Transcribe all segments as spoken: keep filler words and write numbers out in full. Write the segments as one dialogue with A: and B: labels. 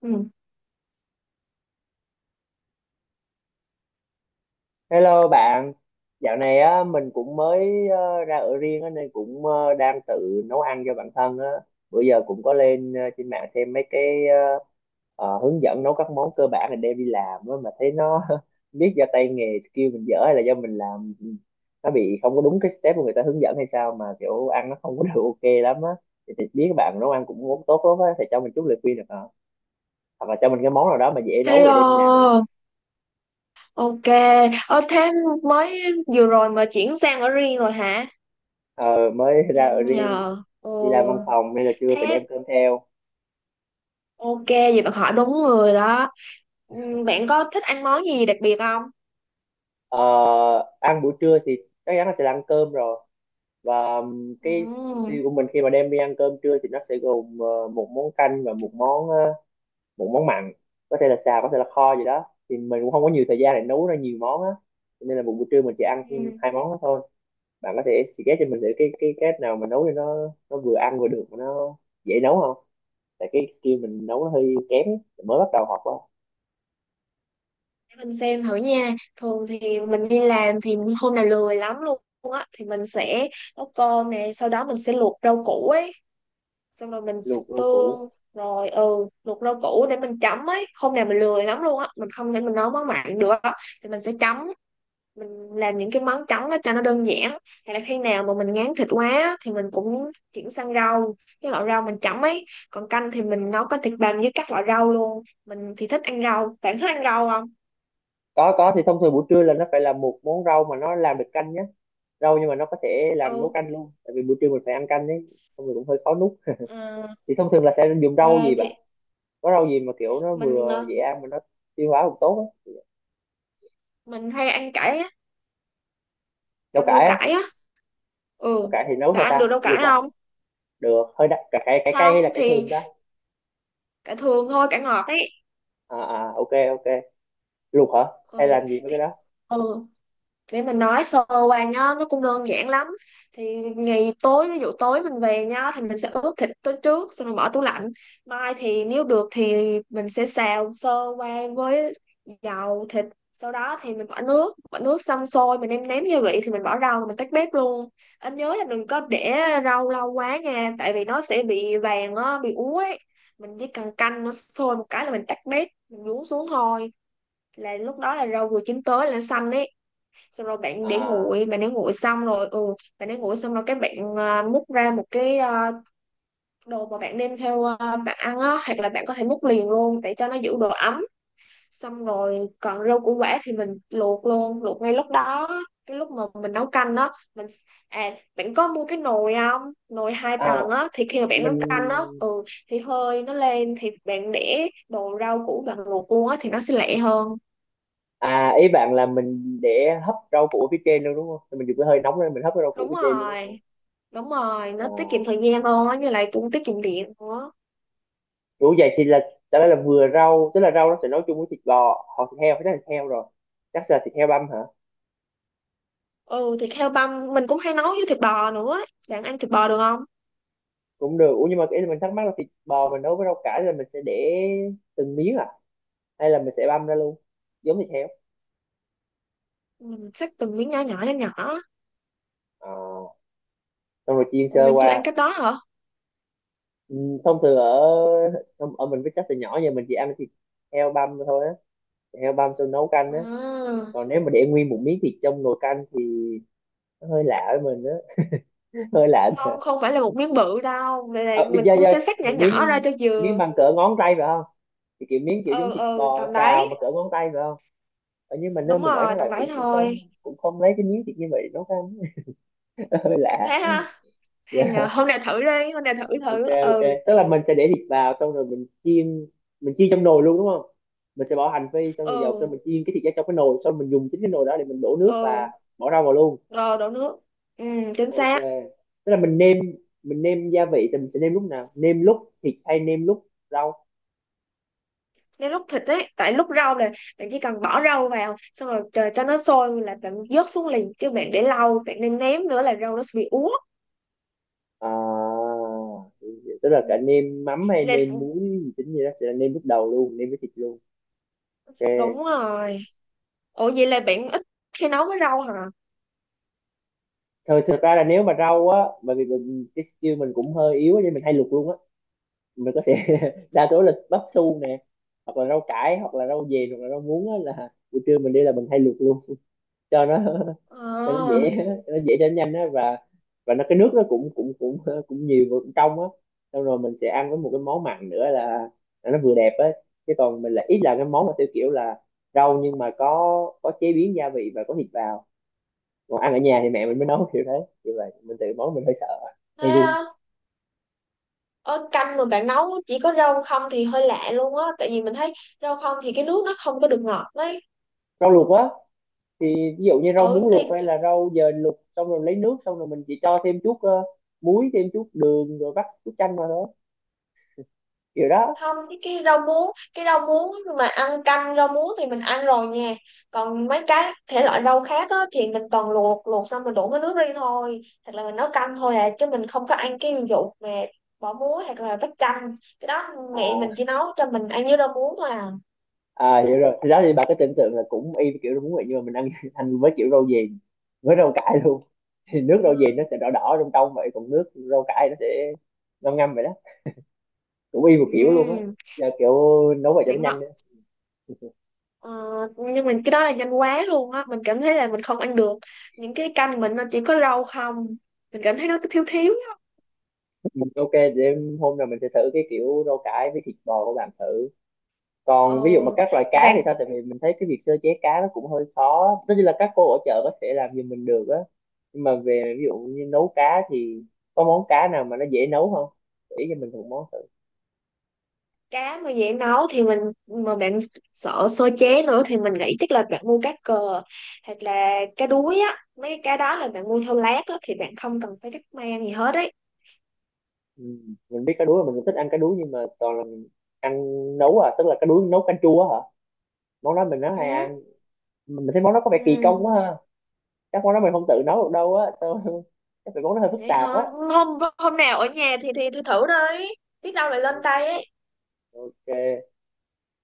A: Ừ.
B: Hello bạn, dạo này á mình cũng mới ờ, ra ở riêng á, nên cũng ờ, đang tự nấu ăn cho bản thân á. Bữa giờ cũng có lên ờ, trên mạng xem mấy cái ờ, ờ, hướng dẫn nấu các món cơ bản để đem đi làm á, mà thấy nó biết do tay nghề skill mình dở hay là do mình làm ừ, nó bị không có đúng cái step mà người ta hướng dẫn hay sao mà kiểu ăn nó không có được ok lắm á. Thì, thì biết các bạn nấu ăn cũng tốt lắm á, thì cho mình chút lời khuyên được không? Hoặc là cho mình cái món nào đó mà dễ nấu để đem đi làm ấy.
A: Hello, ok. Ở thế mới vừa rồi mà chuyển sang ở riêng rồi hả?
B: Ờ, mới ra ở
A: Nhanh
B: riêng,
A: nhờ. Ồ,
B: đi làm văn phòng nên là trưa phải đem
A: thế
B: cơm theo.
A: ok, vậy bạn hỏi đúng người đó. Ừ, bạn có thích ăn món gì đặc biệt không?
B: Ờ, ăn buổi trưa thì chắc chắn là sẽ là ăn cơm rồi, và ừm,
A: Ừ.
B: cái mục tiêu của mình khi mà đem đi ăn cơm trưa thì nó sẽ gồm ờ, một món canh và một món ờ, một món mặn, có thể là xào có thể là kho gì đó, thì mình cũng không có nhiều thời gian để nấu ra nhiều món á. Cho nên là một buổi trưa mình chỉ ăn
A: Ừ.
B: hai món đó thôi. Bạn có thể suggest cho mình thử cái cái cách nào mà nấu cho nó nó vừa ăn vừa được mà nó dễ nấu không, tại cái skill mình nấu nó hơi kém, mới bắt đầu học á.
A: Để mình xem thử nha. Thường thì mình đi làm thì hôm nào lười lắm luôn á thì mình sẽ nấu cơm nè, sau đó mình sẽ luộc rau củ ấy. Xong rồi mình xịt
B: Luộc rau củ,
A: tương rồi ừ luộc rau củ để mình chấm ấy. Hôm nào mình lười lắm luôn á, mình không thể mình nấu món mặn được á, thì mình sẽ chấm, mình làm những cái món chấm đó cho nó đơn giản. Hay là khi nào mà mình ngán thịt quá á, thì mình cũng chuyển sang rau, cái loại rau mình chấm ấy. Còn canh thì mình nấu có thịt bằm với các loại rau luôn. Mình thì thích ăn rau, bạn thích ăn rau không?
B: có có thì thông thường buổi trưa là nó phải là một món rau mà nó làm được canh nhé, rau nhưng mà nó có thể làm nấu
A: Ừ,
B: canh luôn, tại vì buổi trưa mình phải ăn canh đấy, thông thường cũng hơi khó nuốt.
A: ừ,
B: Thì thông thường là sẽ dùng rau gì
A: ok.
B: bà?
A: Thì
B: Có rau gì mà kiểu nó
A: mình
B: vừa dễ
A: ờ,
B: ăn mà nó tiêu hóa cũng tốt á?
A: mình hay ăn cải á,
B: Rau
A: canh rau
B: cải á?
A: cải á.
B: Rau
A: Ừ,
B: cải thì nấu
A: bạn
B: sao
A: ăn
B: ta,
A: được rau cải
B: luộc à?
A: không?
B: Được, hơi đắt, cải cải cải cay
A: Không
B: hay là cải
A: thì
B: thường ta?
A: cả thường thôi, cả ngọt ấy.
B: À à, ok, ok, luộc hả? Hay
A: Ừ
B: làm gì với
A: thì
B: cái đó?
A: ừ, để mình nói sơ qua nhá, nó cũng đơn giản lắm. Thì ngày tối, ví dụ tối mình về nhá, thì mình sẽ ướp thịt tối trước xong rồi bỏ tủ lạnh. Mai thì nếu được thì mình sẽ xào sơ qua với dầu thịt. Sau đó thì mình bỏ nước bỏ nước xong sôi, mình nêm nếm gia vị thì mình bỏ rau mình tắt bếp luôn. Anh nhớ là đừng có để rau lâu quá nha, tại vì nó sẽ bị vàng á, bị úa ấy. Mình chỉ cần canh nó sôi một cái là mình tắt bếp, mình nhúng xuống thôi, là lúc đó là rau vừa chín tới là xanh ấy. Xong rồi bạn để
B: À
A: nguội, bạn để nguội xong rồi ừ bạn để nguội xong rồi các bạn à, múc ra một cái à, đồ mà bạn đem theo à, bạn ăn á, hoặc là bạn có thể múc liền luôn để cho nó giữ độ ấm. Xong rồi còn rau củ quả thì mình luộc luôn, luộc ngay lúc đó, cái lúc mà mình nấu canh á, mình à bạn có mua cái nồi không? Nồi hai
B: à
A: tầng á thì khi mà bạn nấu
B: mình
A: canh á ừ thì hơi nó lên thì bạn để đồ rau củ bạn luộc luôn á thì nó sẽ lẹ hơn.
B: à ý bạn là mình để hấp rau củ phía trên luôn đúng không, thì mình dùng cái hơi nóng lên mình hấp cái rau củ
A: Đúng
B: phía trên luôn đúng không?
A: rồi, đúng rồi, nó tiết kiệm
B: À.
A: thời gian hơn á, như lại cũng tiết kiệm điện nữa.
B: Ủa vậy thì là đó là vừa rau, tức là rau nó sẽ nấu chung với thịt bò hoặc thịt heo, phải là thịt heo rồi, chắc là thịt heo băm hả?
A: Ừ, thịt heo băm mình cũng hay nấu với thịt bò nữa. Bạn ăn thịt bò được không?
B: Cũng được. Ủa nhưng mà cái mình thắc mắc là thịt bò mình nấu với rau cải là mình sẽ để từng miếng à, hay là mình sẽ băm ra luôn giống thịt heo?
A: Mình xách từng miếng nhỏ nhỏ nhỏ nhỏ.
B: À, xong rồi chiên
A: Ủa
B: sơ
A: bạn chưa
B: qua.
A: ăn cách đó hả?
B: Ừ, thông thường ở ở mình, với chắc từ nhỏ giờ mình chỉ ăn thịt heo băm thôi á, thịt heo băm xong nấu canh á.
A: À,
B: Còn nếu mà để nguyên một miếng thịt trong nồi canh thì nó hơi lạ với mình á. Hơi lạ.
A: không không phải là một miếng bự đâu, vậy là
B: À, do
A: mình cũng
B: do
A: sẽ xắt nhỏ
B: một
A: nhỏ ra
B: miếng,
A: cho
B: miếng
A: vừa.
B: bằng cỡ ngón tay phải không? Thì kiểu miếng kiểu giống
A: Ừ,
B: thịt
A: ừ,
B: bò
A: tầm
B: xào
A: đấy.
B: mà cỡ ngón tay phải không? Ở nhưng mà nơi
A: Đúng
B: mình ở đó
A: rồi,
B: là
A: tầm đấy
B: cũng cũng không
A: thôi.
B: cũng không lấy cái miếng thịt như vậy để nấu ăn. Hơi lạ.
A: Thế ha, hay
B: Dạ,
A: nhờ, hôm nay thử đi, hôm nay thử thử
B: ok, ok.
A: ừ.
B: Tức là mình sẽ để thịt vào xong rồi mình chiên, mình chiên trong nồi luôn đúng không? Mình sẽ bỏ hành phi xong rồi dầu, xong
A: Ừ,
B: mình chiên cái thịt ra trong cái nồi, xong mình dùng chính cái nồi đó để mình đổ nước và
A: ừ,
B: bỏ rau vào luôn.
A: rồi đổ nước. Ừ, chính
B: Ok,
A: xác.
B: tức là mình nêm, mình nêm gia vị thì mình sẽ nêm lúc nào, nêm lúc thịt hay nêm lúc rau?
A: Nếu lúc thịt ấy, tại lúc rau là bạn chỉ cần bỏ rau vào xong rồi chờ cho nó sôi là bạn vớt xuống liền, chứ bạn để lâu bạn nên ném nữa là rau nó sẽ bị úa.
B: À tức là
A: Ừ.
B: cả nêm mắm hay
A: Vậy là
B: nêm muối gì tính gì đó sẽ là nêm lúc đầu luôn, nêm với thịt luôn.
A: đúng
B: Ok,
A: rồi. Ủa vậy là bạn ít khi nấu với rau hả?
B: thôi thật ra là nếu mà rau á, bởi vì mình, cái skill mình cũng hơi yếu á, nên mình hay luộc luôn á. Mình có thể đa số là bắp su nè, hoặc là rau cải hoặc là rau dền hoặc là rau muống á, là buổi trưa mình đi là mình hay luộc luôn cho nó, cho nó
A: Ờ,
B: dễ, cho nó dễ cho nó nhanh á, và và nó cái nước nó cũng cũng cũng cũng nhiều và cũng trong á. Xong rồi mình sẽ ăn với một cái món mặn nữa là, là nó vừa đẹp á. Chứ còn mình là ít là cái món mà theo kiểu là rau nhưng mà có có chế biến gia vị và có thịt vào. Còn ăn ở nhà thì mẹ mình mới nấu kiểu thế, như vậy mình tự món mình hơi sợ,
A: thế
B: hơi run.
A: á. Ở canh mà bạn nấu chỉ có rau không thì hơi lạ luôn á, tại vì mình thấy rau không thì cái nước nó không có được ngọt đấy.
B: Rau luộc á, thì ví dụ như rau muống
A: Ừ thì
B: luộc hay là rau dền luộc, xong rồi lấy nước, xong rồi mình chỉ cho thêm chút ờ, muối, thêm chút đường rồi vắt chút chanh vào thôi, kiểu đó.
A: không, cái cái rau muống cái rau muống mà ăn canh rau muống thì mình ăn rồi nha. Còn mấy cái thể loại rau khác á, thì mình toàn luộc, luộc xong mình đổ cái nước đi thôi, hoặc là mình nấu canh thôi à, chứ mình không có ăn cái vụ mà bỏ muối hoặc là vắt canh cái đó. Mẹ
B: à,
A: mình chỉ nấu cho mình ăn với rau muống thôi à.
B: à hiểu rồi, thì đó thì bà cứ tưởng tượng là cũng y kiểu đúng vậy, nhưng mà mình ăn ăn với kiểu rau diền với rau cải luôn. Thì nước rau diền nó sẽ đỏ đỏ trong trong vậy, còn nước rau cải nó sẽ ngâm ngâm vậy đó, cũng y một kiểu luôn á.
A: Ừm,
B: Giờ kiểu nấu vậy cho nó
A: đỉnh nọ.
B: nhanh nữa.
A: Ờ, nhưng mình cái đó là nhanh quá luôn á, mình cảm thấy là mình không ăn được những cái canh mình nó chỉ có rau không, mình cảm thấy nó thiếu thiếu á.
B: Ok, để hôm nào mình sẽ thử cái kiểu rau cải với thịt bò của bạn thử.
A: ờ
B: Còn ví dụ mà các loại
A: thì
B: cá
A: bạn,
B: thì sao, tại vì mình thấy cái việc sơ chế cá nó cũng hơi khó, tất nhiên là các cô ở chợ có thể làm giùm mình được á, nhưng mà về ví dụ như nấu cá thì có món cá nào mà nó dễ nấu không, chỉ cho mình một món thử.
A: cá mà dễ nấu thì mình mà bạn sợ sơ chế nữa thì mình nghĩ chắc là bạn mua cá cờ, hoặc là cá đuối á, mấy cái cá đó là bạn mua theo lát á thì bạn không cần phải cắt mang gì hết đấy.
B: Ừ. Mình biết cá đuối, mình cũng thích ăn cá đuối, nhưng mà toàn là mình ăn nấu, à tức là cá đuối nấu canh chua á hả, món đó mình nó hay
A: Ừ,
B: ăn. Mình thấy món đó có vẻ kỳ công
A: ừ,
B: quá ha, chắc món đó mình không tự nấu được đâu á. Sao- chắc phải món nó hơi phức
A: vậy hả,
B: tạp á.
A: hôm hôm nào ở nhà thì thì thử thử đi, biết đâu lại lên tay ấy.
B: Ok,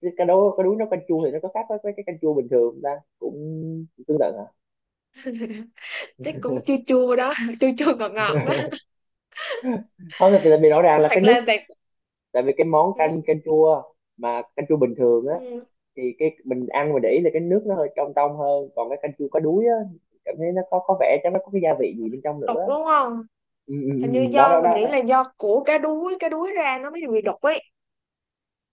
B: cái cá đuối cá đuối nấu canh chua thì nó có khác với cái cái canh chua bình thường không ta, cũng cũng tương tự hả?
A: Chắc cũng chua chua đó chua chua ngọt ngọt đó.
B: Không thì tại vì rõ ràng là cái
A: Hoặc
B: nước,
A: là bạn
B: tại vì cái món canh
A: ừ,
B: canh chua, mà canh chua bình thường á,
A: ừ,
B: thì cái mình ăn mình để ý là cái nước nó hơi trong trong hơn, còn cái canh chua có đuối á cảm thấy nó có có vẻ chắc nó có cái gia vị gì bên trong
A: đục
B: nữa.
A: đúng không?
B: ừ, ừ,
A: Hình như
B: ừ, ừ, đó đó
A: do mình
B: đó
A: nghĩ
B: đó.
A: là do của cá đuối, cá đuối ra nó mới bị đục ấy.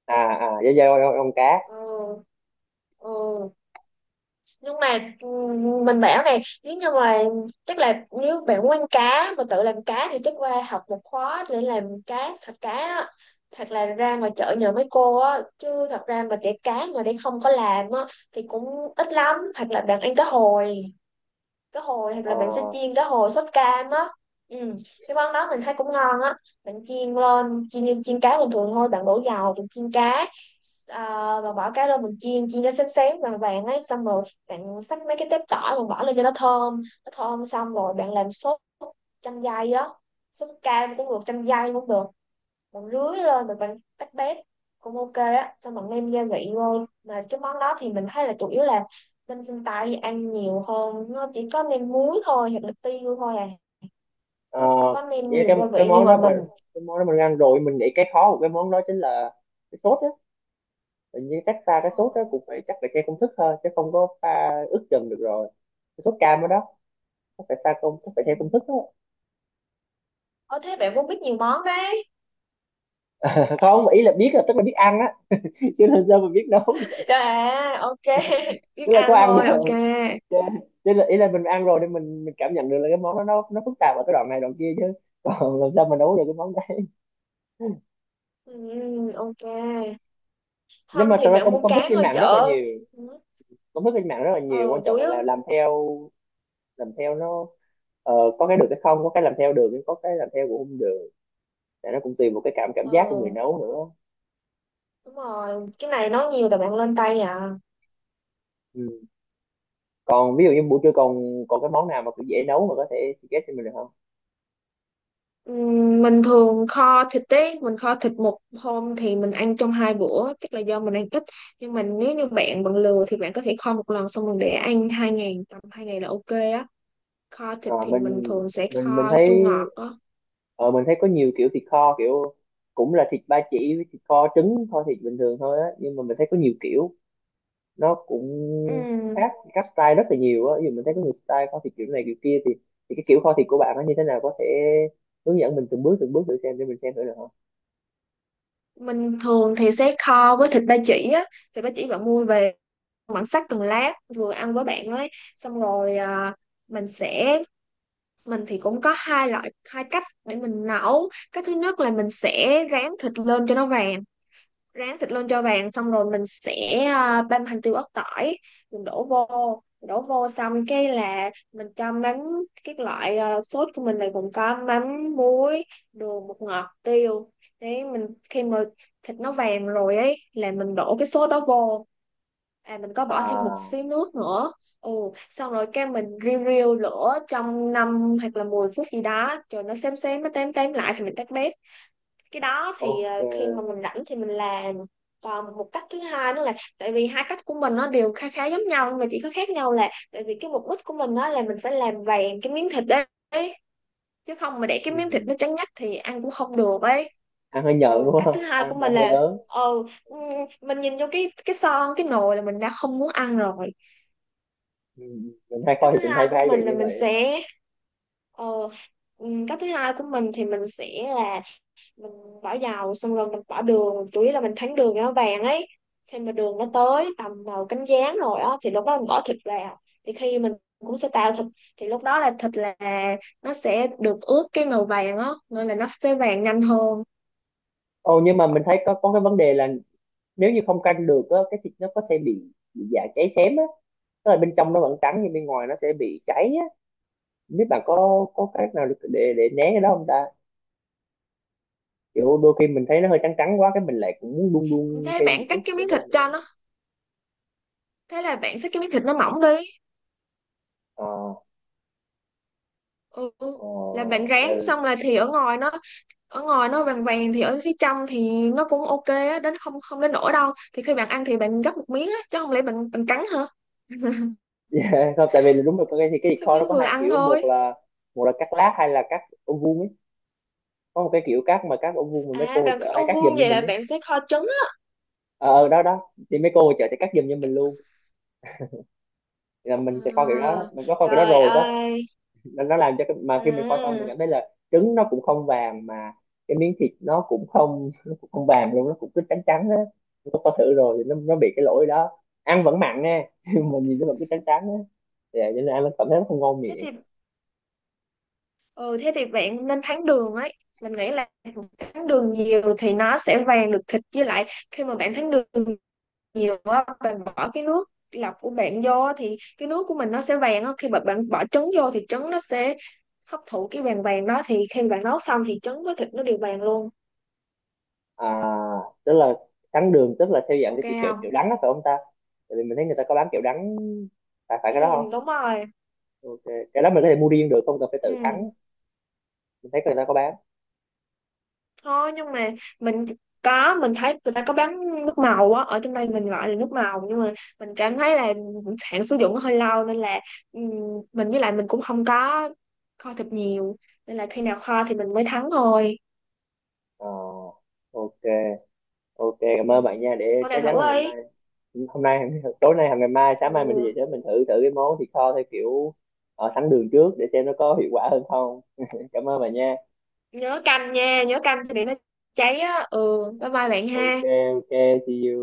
B: À à, da da con con cá.
A: Ừ, ừ, nhưng mà ừm, mình bảo này, nếu như mà chắc là nếu bạn muốn ăn cá mà tự làm cá thì chắc qua học một khóa để làm cá sạch cá á. Thật là ra ngoài chợ nhờ mấy cô á, chứ thật ra mà để cá mà để không có làm á thì cũng ít lắm. Hoặc là bạn ăn cá hồi, cá hồi hoặc
B: Ờ
A: là mình sẽ chiên cá hồi sốt cam á. Ừ. Cái món đó mình thấy cũng ngon á. Mình chiên lên chiên như chiên cá bình thường thôi, bạn đổ dầu mình chiên cá. Uh, bạn bỏ cá lên mình chiên, chiên nó xém xém vàng vàng ấy, xong rồi bạn xắt mấy cái tép tỏi rồi bỏ lên cho nó thơm, nó thơm xong rồi bạn làm sốt chanh dây á, sốt cam cũng được, chanh dây cũng được. Bạn rưới lên rồi bạn tách bét cũng ok á, xong bạn nêm gia vị vô. Mà cái món đó thì mình thấy là chủ yếu là bên phương Tây ăn nhiều hơn, nó chỉ có nêm muối thôi hoặc là tiêu thôi à,
B: ờ,
A: chứ không có nêm
B: với
A: nhiều
B: cái
A: gia
B: cái
A: vị như
B: món đó
A: mà
B: mình-
A: mình.
B: cái món đó mình ăn rồi, mình nghĩ cái khó của cái món đó chính là cái sốt á. Hình như chắc pha cái sốt đó cũng phải chắc phải theo công thức thôi, chứ không có pha ướp chừng được rồi. Cái sốt cam đó đó, chắc phải pha công chắc phải
A: Ừ.
B: theo công thức á.
A: Ờ thế bạn cũng biết nhiều món đấy.
B: Không, ý là biết là tức là biết ăn á, chứ là sao mình biết nấu được.
A: Rồi à ok biết
B: Tức là có
A: ăn
B: ăn
A: thôi ok.
B: rồi. Chứ- là ý là mình ăn rồi nên mình, mình cảm nhận được là cái món đó nó nó phức tạp ở cái đoạn này đoạn kia chứ còn làm sao mình nấu được cái món đấy.
A: Ừ, ok.
B: Nhưng
A: Không
B: mà thật
A: thì
B: ra
A: bạn mua
B: công công thức
A: cá
B: trên
A: ngoài
B: mạng rất là
A: chợ.
B: nhiều,
A: Ừ,
B: công thức trên mạng rất là nhiều,
A: ừ,
B: quan
A: chủ
B: trọng là
A: yếu.
B: làm theo, làm theo nó ờ, có cái được cái không, có cái làm theo được nhưng có cái làm theo cũng không được, tại nó cũng tùy một cái cảm cảm giác của người
A: Ừ,
B: nấu nữa.
A: đúng rồi, cái này nấu nhiều là bạn lên tay à.
B: Ừ. Còn ví dụ như buổi trưa còn còn cái món nào mà cũng dễ nấu mà có thể suggest cho mình được không?
A: Ừm, Mình thường kho thịt ấy, mình kho thịt một hôm thì mình ăn trong hai bữa, chắc là do mình ăn ít. Nhưng mà nếu như bạn bận lừa thì bạn có thể kho một lần xong rồi để ăn hai ngày, tầm hai ngày là ok á. Kho thịt
B: Ờ,
A: thì
B: mình
A: mình thường sẽ
B: mình mình
A: kho
B: thấy
A: chua ngọt á.
B: ờ, mình thấy có nhiều kiểu thịt kho kiểu, cũng là thịt ba chỉ với thịt kho trứng kho thịt bình thường thôi á, nhưng mà mình thấy có nhiều kiểu nó cũng
A: Ừm,
B: khác các style rất là nhiều á. Ví dụ mình thấy có nhiều style kho thịt kiểu này kiểu kia, thì thì cái kiểu kho thịt của bạn nó như thế nào, có thể hướng dẫn mình từng bước từng bước thử xem để mình xem thử được không?
A: Mình thường thì sẽ kho với thịt ba chỉ á, thịt ba chỉ bạn mua về, bạn xắt từng lát vừa ăn với bạn ấy, xong rồi à, mình sẽ mình thì cũng có hai loại hai cách để mình nấu. Cái thứ nhất là mình sẽ rán thịt lên cho nó vàng, rán thịt lên cho vàng xong rồi mình sẽ à, băm hành tiêu ớt tỏi, mình đổ vô, đổ vô xong cái là mình cho mắm. Cái loại à, sốt của mình là gồm có mắm, muối, đường, bột ngọt, tiêu. Đấy, mình khi mà thịt nó vàng rồi ấy là mình đổ cái sốt đó vô, à mình có bỏ thêm một
B: À
A: xíu nước nữa. Ừ, xong rồi cái mình riu riu lửa trong năm hoặc là mười phút gì đó, rồi nó xém xém nó tém tém lại thì mình tắt bếp. Cái đó thì ờ, khi mà
B: ok.
A: mình rảnh thì mình làm. Còn một cách thứ hai nữa là tại vì hai cách của mình nó đều khá khá giống nhau, nhưng mà chỉ có khác nhau là tại vì cái mục đích của mình đó là mình phải làm vàng cái miếng thịt đấy, chứ không mà để cái miếng thịt
B: Ừ.
A: nó trắng nhách thì ăn cũng không được ấy.
B: Ăn hơi
A: Ừ,
B: nhợn đúng
A: cách
B: không,
A: thứ hai
B: ăn
A: của
B: là
A: mình
B: hơi
A: là
B: ớn.
A: ờ ừ, mình nhìn vô cái cái son, cái nồi là mình đã không muốn ăn rồi.
B: Ừ. Mình hay kho
A: Cách thứ
B: thịt mình
A: hai
B: hay
A: của
B: hay bị
A: mình là
B: như
A: mình
B: vậy á.
A: sẽ ờ, ừm, cách thứ hai của mình thì mình sẽ là mình bỏ dầu xong rồi mình bỏ đường, chủ yếu là mình thắng đường cho nó vàng ấy. Khi mà đường nó tới tầm màu cánh gián rồi á thì lúc đó mình bỏ thịt vào, thì khi mình cũng sẽ tạo thịt, thì lúc đó là thịt là nó sẽ được ướp cái màu vàng á, nên là nó sẽ vàng nhanh hơn.
B: Ồ nhưng mà mình thấy có có cái vấn đề là nếu như không canh được á cái thịt nó có thể bị bị dạ cháy xém á, tức là bên trong nó vẫn trắng nhưng bên ngoài nó sẽ bị cháy á. Không biết bạn có có cách nào để để, để né cái đó không ta, kiểu đôi khi mình thấy nó hơi trắng trắng quá cái mình lại cũng muốn đun đun
A: thế
B: thêm một
A: bạn cắt
B: chút
A: cái
B: thời
A: miếng thịt
B: gian
A: cho
B: nữa.
A: nó Thế là bạn xắt cái miếng thịt nó mỏng đi.
B: Ờ
A: Ừ.
B: ờ,
A: Là bạn
B: tại
A: rán xong là thì ở ngoài nó ở ngoài nó vàng vàng thì ở phía trong thì nó cũng ok á, đến không không đến nổi đâu, thì khi bạn ăn thì bạn gấp một miếng á, chứ không lẽ bạn bạn cắn hả?
B: vì, không tại vì là đúng rồi, có cái thì cái thịt
A: Thì
B: kho nó
A: miếng
B: có
A: vừa
B: hai
A: ăn
B: kiểu, một
A: thôi.
B: là một là cắt lát hay là cắt ô vuông ấy, có một cái kiểu cắt mà cắt ô vuông mà mấy
A: À,
B: cô ở
A: bạn
B: chợ
A: thích
B: hay
A: ô
B: cắt giùm
A: vuông
B: cho
A: vậy
B: mình
A: là
B: ấy.
A: bạn sẽ kho trứng á.
B: Ờ ờ, đó đó, thì mấy cô ở chợ sẽ cắt giùm cho mình luôn. Thì là mình sẽ kho kiểu đó, đó.
A: À,
B: Mình có kho kiểu đó
A: trời
B: rồi,
A: ơi.
B: nó nó làm cho cái, mà khi mình kho xong mình
A: À,
B: cảm thấy là trứng nó cũng không vàng, mà cái miếng thịt nó cũng không nó cũng không vàng luôn, nó cũng cứ trắng trắng á. Nó có thử rồi thì nó nó bị cái lỗi đó, ăn vẫn mặn nha nhưng mà nhìn nó vẫn cứ trắng trắng á, thì vậy cho nên ăn nó cảm thấy nó không ngon
A: thế
B: miệng.
A: thì ừ, thế thì bạn nên thắng đường ấy. Mình nghĩ là thắng đường nhiều thì nó sẽ vàng được thịt, với lại khi mà bạn thắng đường nhiều á, bạn bỏ cái nước lọc của bạn vô á thì cái nước của mình nó sẽ vàng á. Khi mà bạn bỏ trứng vô thì trứng nó sẽ hấp thụ cái vàng vàng đó, thì khi bạn nấu xong thì trứng với thịt nó đều vàng luôn.
B: À tức là trắng đường tức là theo dạng cái
A: Ok
B: kiểu kiểu, kiểu
A: không?
B: đắng đó phải không ta? Tại vì mình thấy người ta có bán kiểu đắng, phải phải cái đó
A: Ừ,
B: không?
A: đúng rồi.
B: Ok, cái đó mình có thể mua riêng được không cần phải tự
A: Ừ.
B: thắng, mình thấy người ta có bán.
A: Thôi nhưng mà mình có mình thấy người ta có bán nước màu á, ở trong đây mình gọi là nước màu, nhưng mà mình cảm thấy là hạn sử dụng nó hơi lâu nên là ừm, mình với lại mình cũng không có kho thịt nhiều, nên là khi nào kho thì mình mới thắng thôi.
B: Ờ, ok, ok, cảm ơn
A: Ừm,
B: bạn nha. Để
A: hôm
B: chắc
A: nào thử
B: chắn là ngày
A: đi.
B: mai, hôm nay, tối nay hoặc ngày mai sáng mai mình đi
A: Ừ.
B: về sớm mình thử thử cái món thịt kho theo kiểu ờ, sẵn đường trước để xem nó có hiệu quả hơn không. Cảm ơn bạn nha.
A: Nhớ canh nha, nhớ canh thì để nó cháy á ừ. Bye bye bạn
B: Ok,
A: ha.
B: ok, see you.